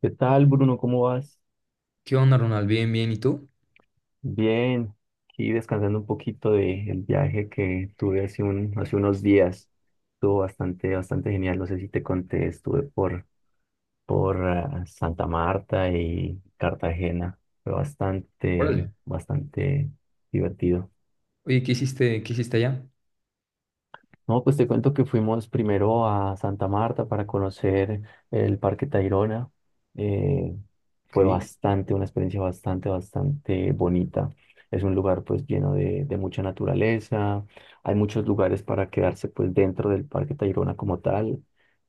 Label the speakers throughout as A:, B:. A: ¿Qué tal, Bruno? ¿Cómo vas?
B: ¿Qué onda, Ronald? Bien, bien. ¿Y tú?
A: Bien, aquí descansando un poquito del viaje que tuve hace, hace unos días. Estuvo bastante, bastante genial. No sé si te conté, estuve por Santa Marta y Cartagena. Fue bastante,
B: Órale.
A: bastante divertido.
B: Oye, ¿qué hiciste allá?
A: No, pues te cuento que fuimos primero a Santa Marta para conocer el Parque Tayrona. Eh, Fue
B: Ok.
A: bastante, una experiencia bastante, bastante bonita. Es un lugar pues lleno de mucha naturaleza. Hay muchos lugares para quedarse pues dentro del Parque Tayrona como tal.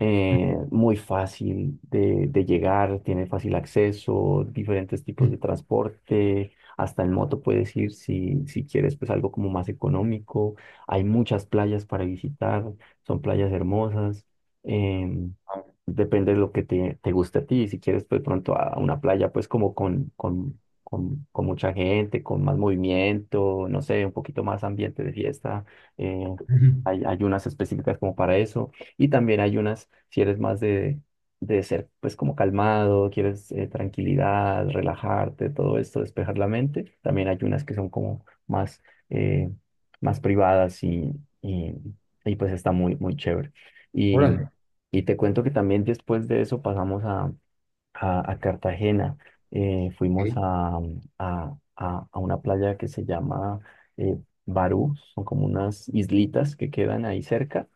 A: Muy fácil de llegar, tiene fácil acceso, diferentes tipos de
B: Ujú.
A: transporte. Hasta en moto puedes ir si quieres pues algo como más económico. Hay muchas playas para visitar, son playas hermosas. em,
B: Ah,
A: Depende de lo que te guste a ti. Si quieres, pues pronto a una playa, pues como con mucha gente, con más movimiento, no sé, un poquito más ambiente de fiesta. eh,
B: ujú.
A: hay unas específicas como para eso. Y también hay unas, si eres más de ser pues como calmado, quieres tranquilidad, relajarte, todo esto, despejar la mente. También hay unas que son como más... eh, más privadas y, y pues está muy, muy chévere. Y,
B: Órale.
A: y te cuento que también después de eso pasamos a Cartagena. Fuimos
B: Ok.
A: a una playa que se llama eh, Barú, son como unas islitas que quedan ahí cerca.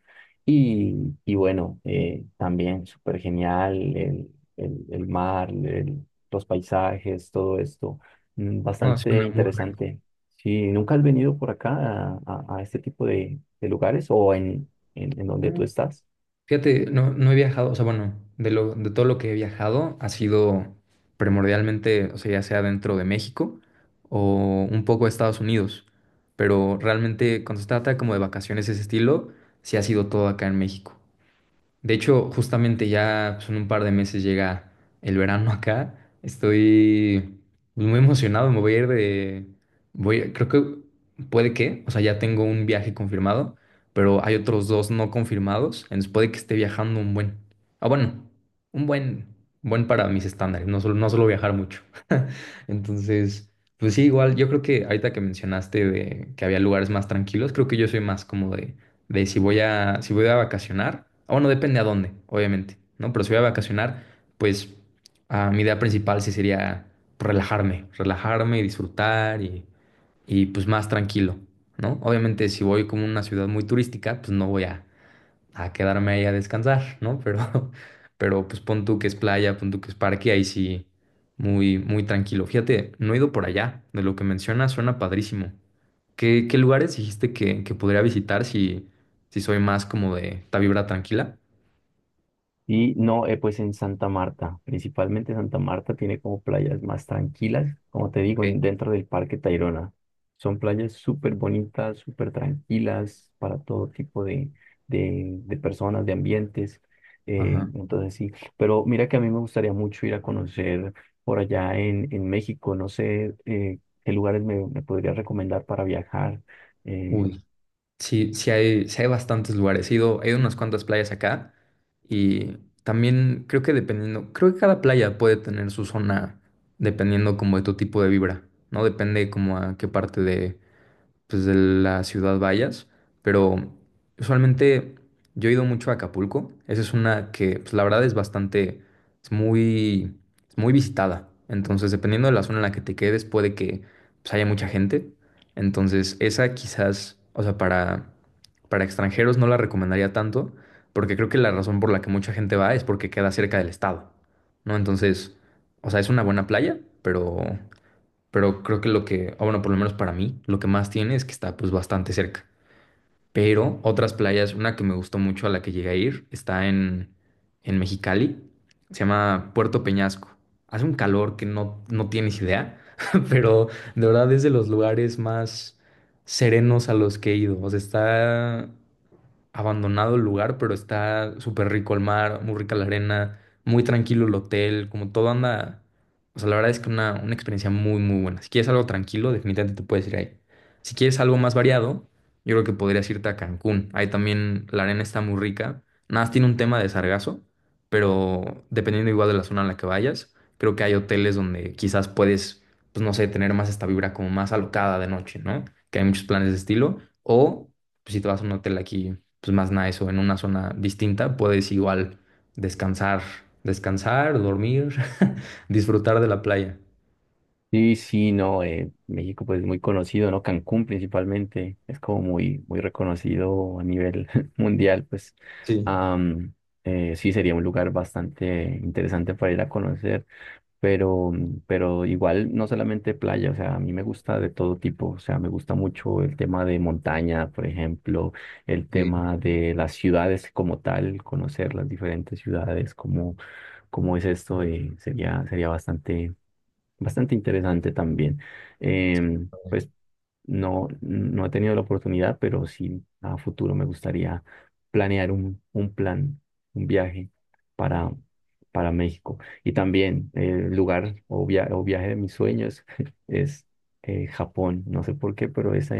A: Y bueno, también súper genial el mar, los paisajes, todo esto,
B: No,
A: bastante
B: suena muy rico.
A: interesante. Si nunca has venido por acá a este tipo de lugares o en donde tú
B: Eh,
A: estás.
B: Fíjate, no, no he viajado. O sea, bueno, de todo lo que he viajado ha sido primordialmente, o sea, ya sea dentro de México o un poco de Estados Unidos, pero realmente cuando se trata como de vacaciones de ese estilo, sí ha sido todo acá en México. De hecho, justamente ya pues, en un par de meses llega el verano acá. Estoy pues, muy emocionado. Me voy a ir de... Voy, creo que puede que, o sea, ya tengo un viaje confirmado, pero hay otros dos no confirmados. Entonces puede que esté viajando un buen... Ah, bueno, un buen para mis estándares. No solo no suelo viajar mucho. Entonces, pues sí, igual, yo creo que ahorita que mencionaste de que había lugares más tranquilos, creo que yo soy más cómodo de si voy a vacacionar, o bueno, depende a dónde, obviamente, ¿no? Pero si voy a vacacionar, pues mi idea principal sí sería relajarme y disfrutar y pues más tranquilo, ¿no? Obviamente si voy como a una ciudad muy turística, pues no a quedarme ahí a descansar, ¿no? Pero, pero pues pon tú que es playa, pon tú que es parque, ahí sí, muy tranquilo. Fíjate, no he ido por allá, de lo que mencionas suena padrísimo. ¿Qué lugares dijiste que podría visitar si, si soy más como de esta vibra tranquila?
A: Y no, pues en Santa Marta, principalmente Santa Marta tiene como playas más tranquilas, como te
B: Ok.
A: digo, en- dentro del Parque Tayrona. Son playas súper bonitas, súper tranquilas para todo tipo de personas, de ambientes.
B: Ajá.
A: Entonces sí, pero mira que a mí me gustaría mucho ir a conocer por allá en México, no sé qué lugares me podría recomendar para viajar. Eh,
B: Uy, sí, sí hay bastantes lugares. He ido a unas cuantas playas acá y también creo que dependiendo, creo que cada playa puede tener su zona dependiendo como de tu tipo de vibra, ¿no? Depende como a qué parte de pues, de la ciudad vayas, pero usualmente yo he ido mucho a Acapulco. Esa es una que, pues, la verdad es bastante, es muy, es muy visitada. Entonces, dependiendo de la zona en la que te quedes, puede que pues, haya mucha gente. Entonces, esa quizás, o sea, para extranjeros no la recomendaría tanto, porque creo que la razón por la que mucha gente va es porque queda cerca del estado, ¿no? Entonces, o sea, es una buena playa, pero creo que lo que, ah, bueno, por lo menos para mí, lo que más tiene es que está pues bastante cerca. Pero otras playas, una que me gustó mucho a la que llegué a ir, en Mexicali, se llama Puerto Peñasco. Hace un calor que no, no tienes idea, pero de verdad es de los lugares más serenos a los que he ido. O sea, está abandonado el lugar, pero está súper rico el mar, muy rica la arena, muy tranquilo el hotel, como todo anda. O sea, la verdad es que una experiencia muy, muy buena. Si quieres algo tranquilo, definitivamente te puedes ir ahí. Si quieres algo más variado, yo creo que podrías irte a Cancún. Ahí también la arena está muy rica. Nada más tiene un tema de sargazo, pero dependiendo igual de la zona en la que vayas, creo que hay hoteles donde quizás puedes, pues no sé, tener más esta vibra como más alocada de noche, ¿no? Que hay muchos planes de estilo. O pues, si te vas a un hotel aquí pues más nice o en una zona distinta, puedes igual descansar, descansar, dormir, disfrutar de la playa.
A: sí, sí, no, México pues es muy conocido, ¿no? Cancún principalmente, es como muy, muy reconocido a nivel mundial, pues
B: Sí.
A: am, sí sería un lugar bastante interesante para ir a conocer, pero, pero igual no solamente playa, o sea, a mí me gusta de todo tipo, o sea, me gusta mucho el tema de montaña, por ejemplo, el
B: Ok.
A: tema de las ciudades como tal, conocer las diferentes ciudades, cómo es esto, sería, sería bastante bastante interesante también. Pues no, no he tenido la oportunidad, pero sí a futuro me gustaría planear un plan, un viaje para, para México. Y también el lugar o, via- o viaje de mis sueños es Japón. No sé por qué, pero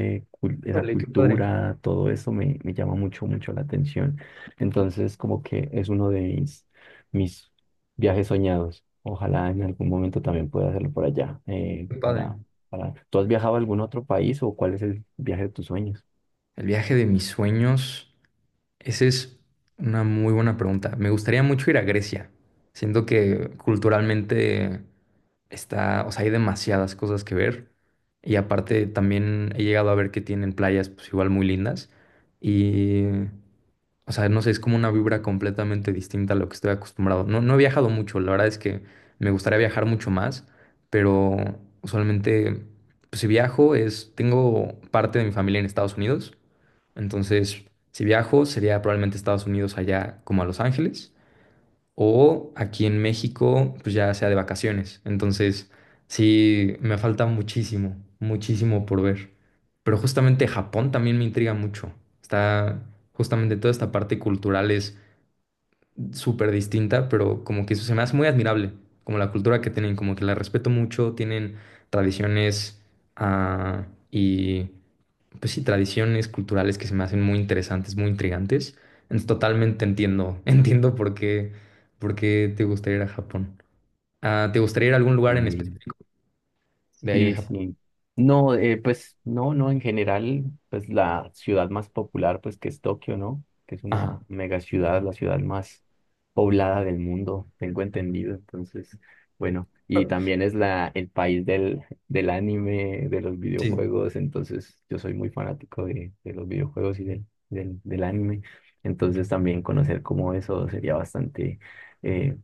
A: esa
B: Órale, qué padre,
A: cultura, todo eso me llama mucho, mucho la atención. Entonces, como que es uno de mis viajes soñados. Ojalá en algún momento también pueda hacerlo por allá,
B: qué padre.
A: para- ¿Tú has viajado a algún otro país o cuál es el viaje de tus sueños?
B: El viaje de mis sueños, esa es una muy buena pregunta. Me gustaría mucho ir a Grecia. Siento que culturalmente está, o sea, hay demasiadas cosas que ver. Y aparte también he llegado a ver que tienen playas pues igual muy lindas. Y o sea, no sé, es como una vibra completamente distinta a lo que estoy acostumbrado. No, no he viajado mucho, la verdad es que me gustaría viajar mucho más, pero usualmente, pues, si viajo es, tengo parte de mi familia en Estados Unidos, entonces si viajo sería probablemente Estados Unidos allá como a Los Ángeles o aquí en México, pues ya sea de vacaciones. Entonces, sí, me falta muchísimo, muchísimo por ver. Pero justamente Japón también me intriga mucho. Está justamente toda esta parte cultural súper distinta, pero como que eso se me hace muy admirable, como la cultura que tienen, como que la respeto mucho, tienen tradiciones y pues sí, tradiciones culturales que se me hacen muy interesantes, muy intrigantes. Entonces, totalmente entiendo, entiendo por qué te gustaría ir a Japón. Ah, ¿te gustaría ir a algún lugar en
A: Eh,
B: específico de ahí de
A: sí,
B: Japón?
A: sí. No, pues no, no, en general, pues la ciudad más popular, pues que es Tokio, ¿no? Que es
B: Ajá.
A: una mega ciudad, la ciudad más poblada del mundo, tengo entendido. Entonces, bueno, y también es la, el país del anime, de los
B: Sí,
A: videojuegos, entonces yo soy muy fanático de los videojuegos y del anime. Entonces también conocer como eso sería bastante... eh,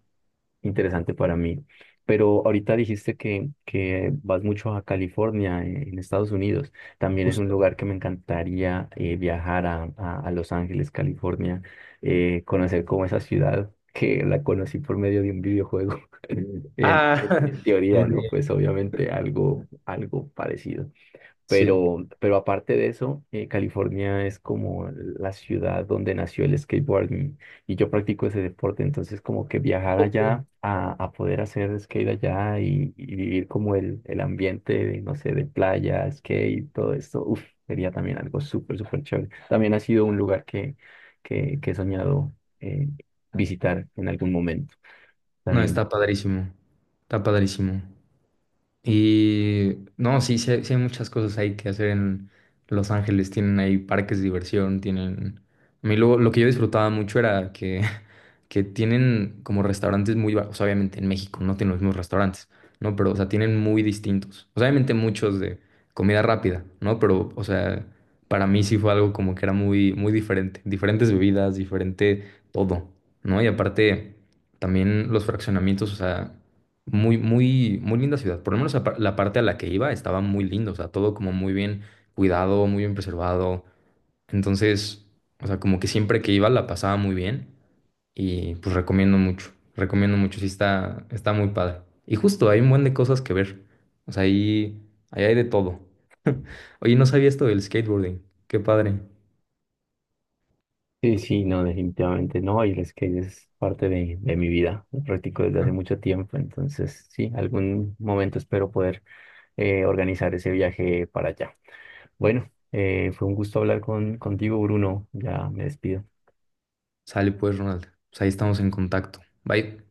A: interesante para mí. Pero ahorita dijiste que vas mucho a California, en Estados Unidos. También es un
B: justo.
A: lugar que me encantaría viajar a Los Ángeles, California, conocer como esa ciudad que la conocí por medio de un videojuego.
B: Ah,
A: En
B: muy
A: teoría, ¿no?
B: bien,
A: Pues obviamente algo, algo parecido.
B: sí.
A: Pero aparte de eso, California es como la ciudad donde nació el skateboarding y yo practico ese deporte, entonces como que viajar allá a poder hacer skate allá y vivir como el ambiente de, no sé, de playa, skate, todo esto, uf, sería también algo súper, súper chévere. También ha sido un lugar que he soñado eh, visitar en algún momento.
B: No,
A: También
B: está padrísimo, está padrísimo. Y no, sí, sí hay muchas cosas ahí que hacer en Los Ángeles. Tienen ahí parques de diversión, tienen... A mí lo que yo disfrutaba mucho era que, que tienen como restaurantes muy... va- O sea, obviamente en México no tienen los mismos restaurantes, ¿no? Pero, o sea, tienen muy distintos. O sea, obviamente muchos de comida rápida, ¿no? Pero, o sea, para mí sí fue algo como que era muy, muy diferente. Diferentes bebidas, diferente todo, ¿no? Y aparte, también los fraccionamientos, o sea... Muy, muy, muy linda ciudad. Por lo menos par- la parte a la que iba estaba muy lindo. O sea, todo como muy bien cuidado, muy bien preservado. Entonces, o sea, como que siempre que iba la pasaba muy bien. Y pues recomiendo mucho. Recomiendo mucho. Sí, está, está muy padre. Y justo hay un buen de cosas que ver. O sea, ahí hay de todo. Oye, no sabía esto del skateboarding. Qué padre.
A: sí, sí, no, definitivamente no. Y el skate es parte de mi vida. Lo practico desde hace mucho tiempo. Entonces, sí, algún momento espero poder organizar ese viaje para allá. Bueno, fue un gusto hablar contigo, Bruno. Ya me despido.
B: Sale pues, Ronald. Pues ahí estamos en contacto. Bye.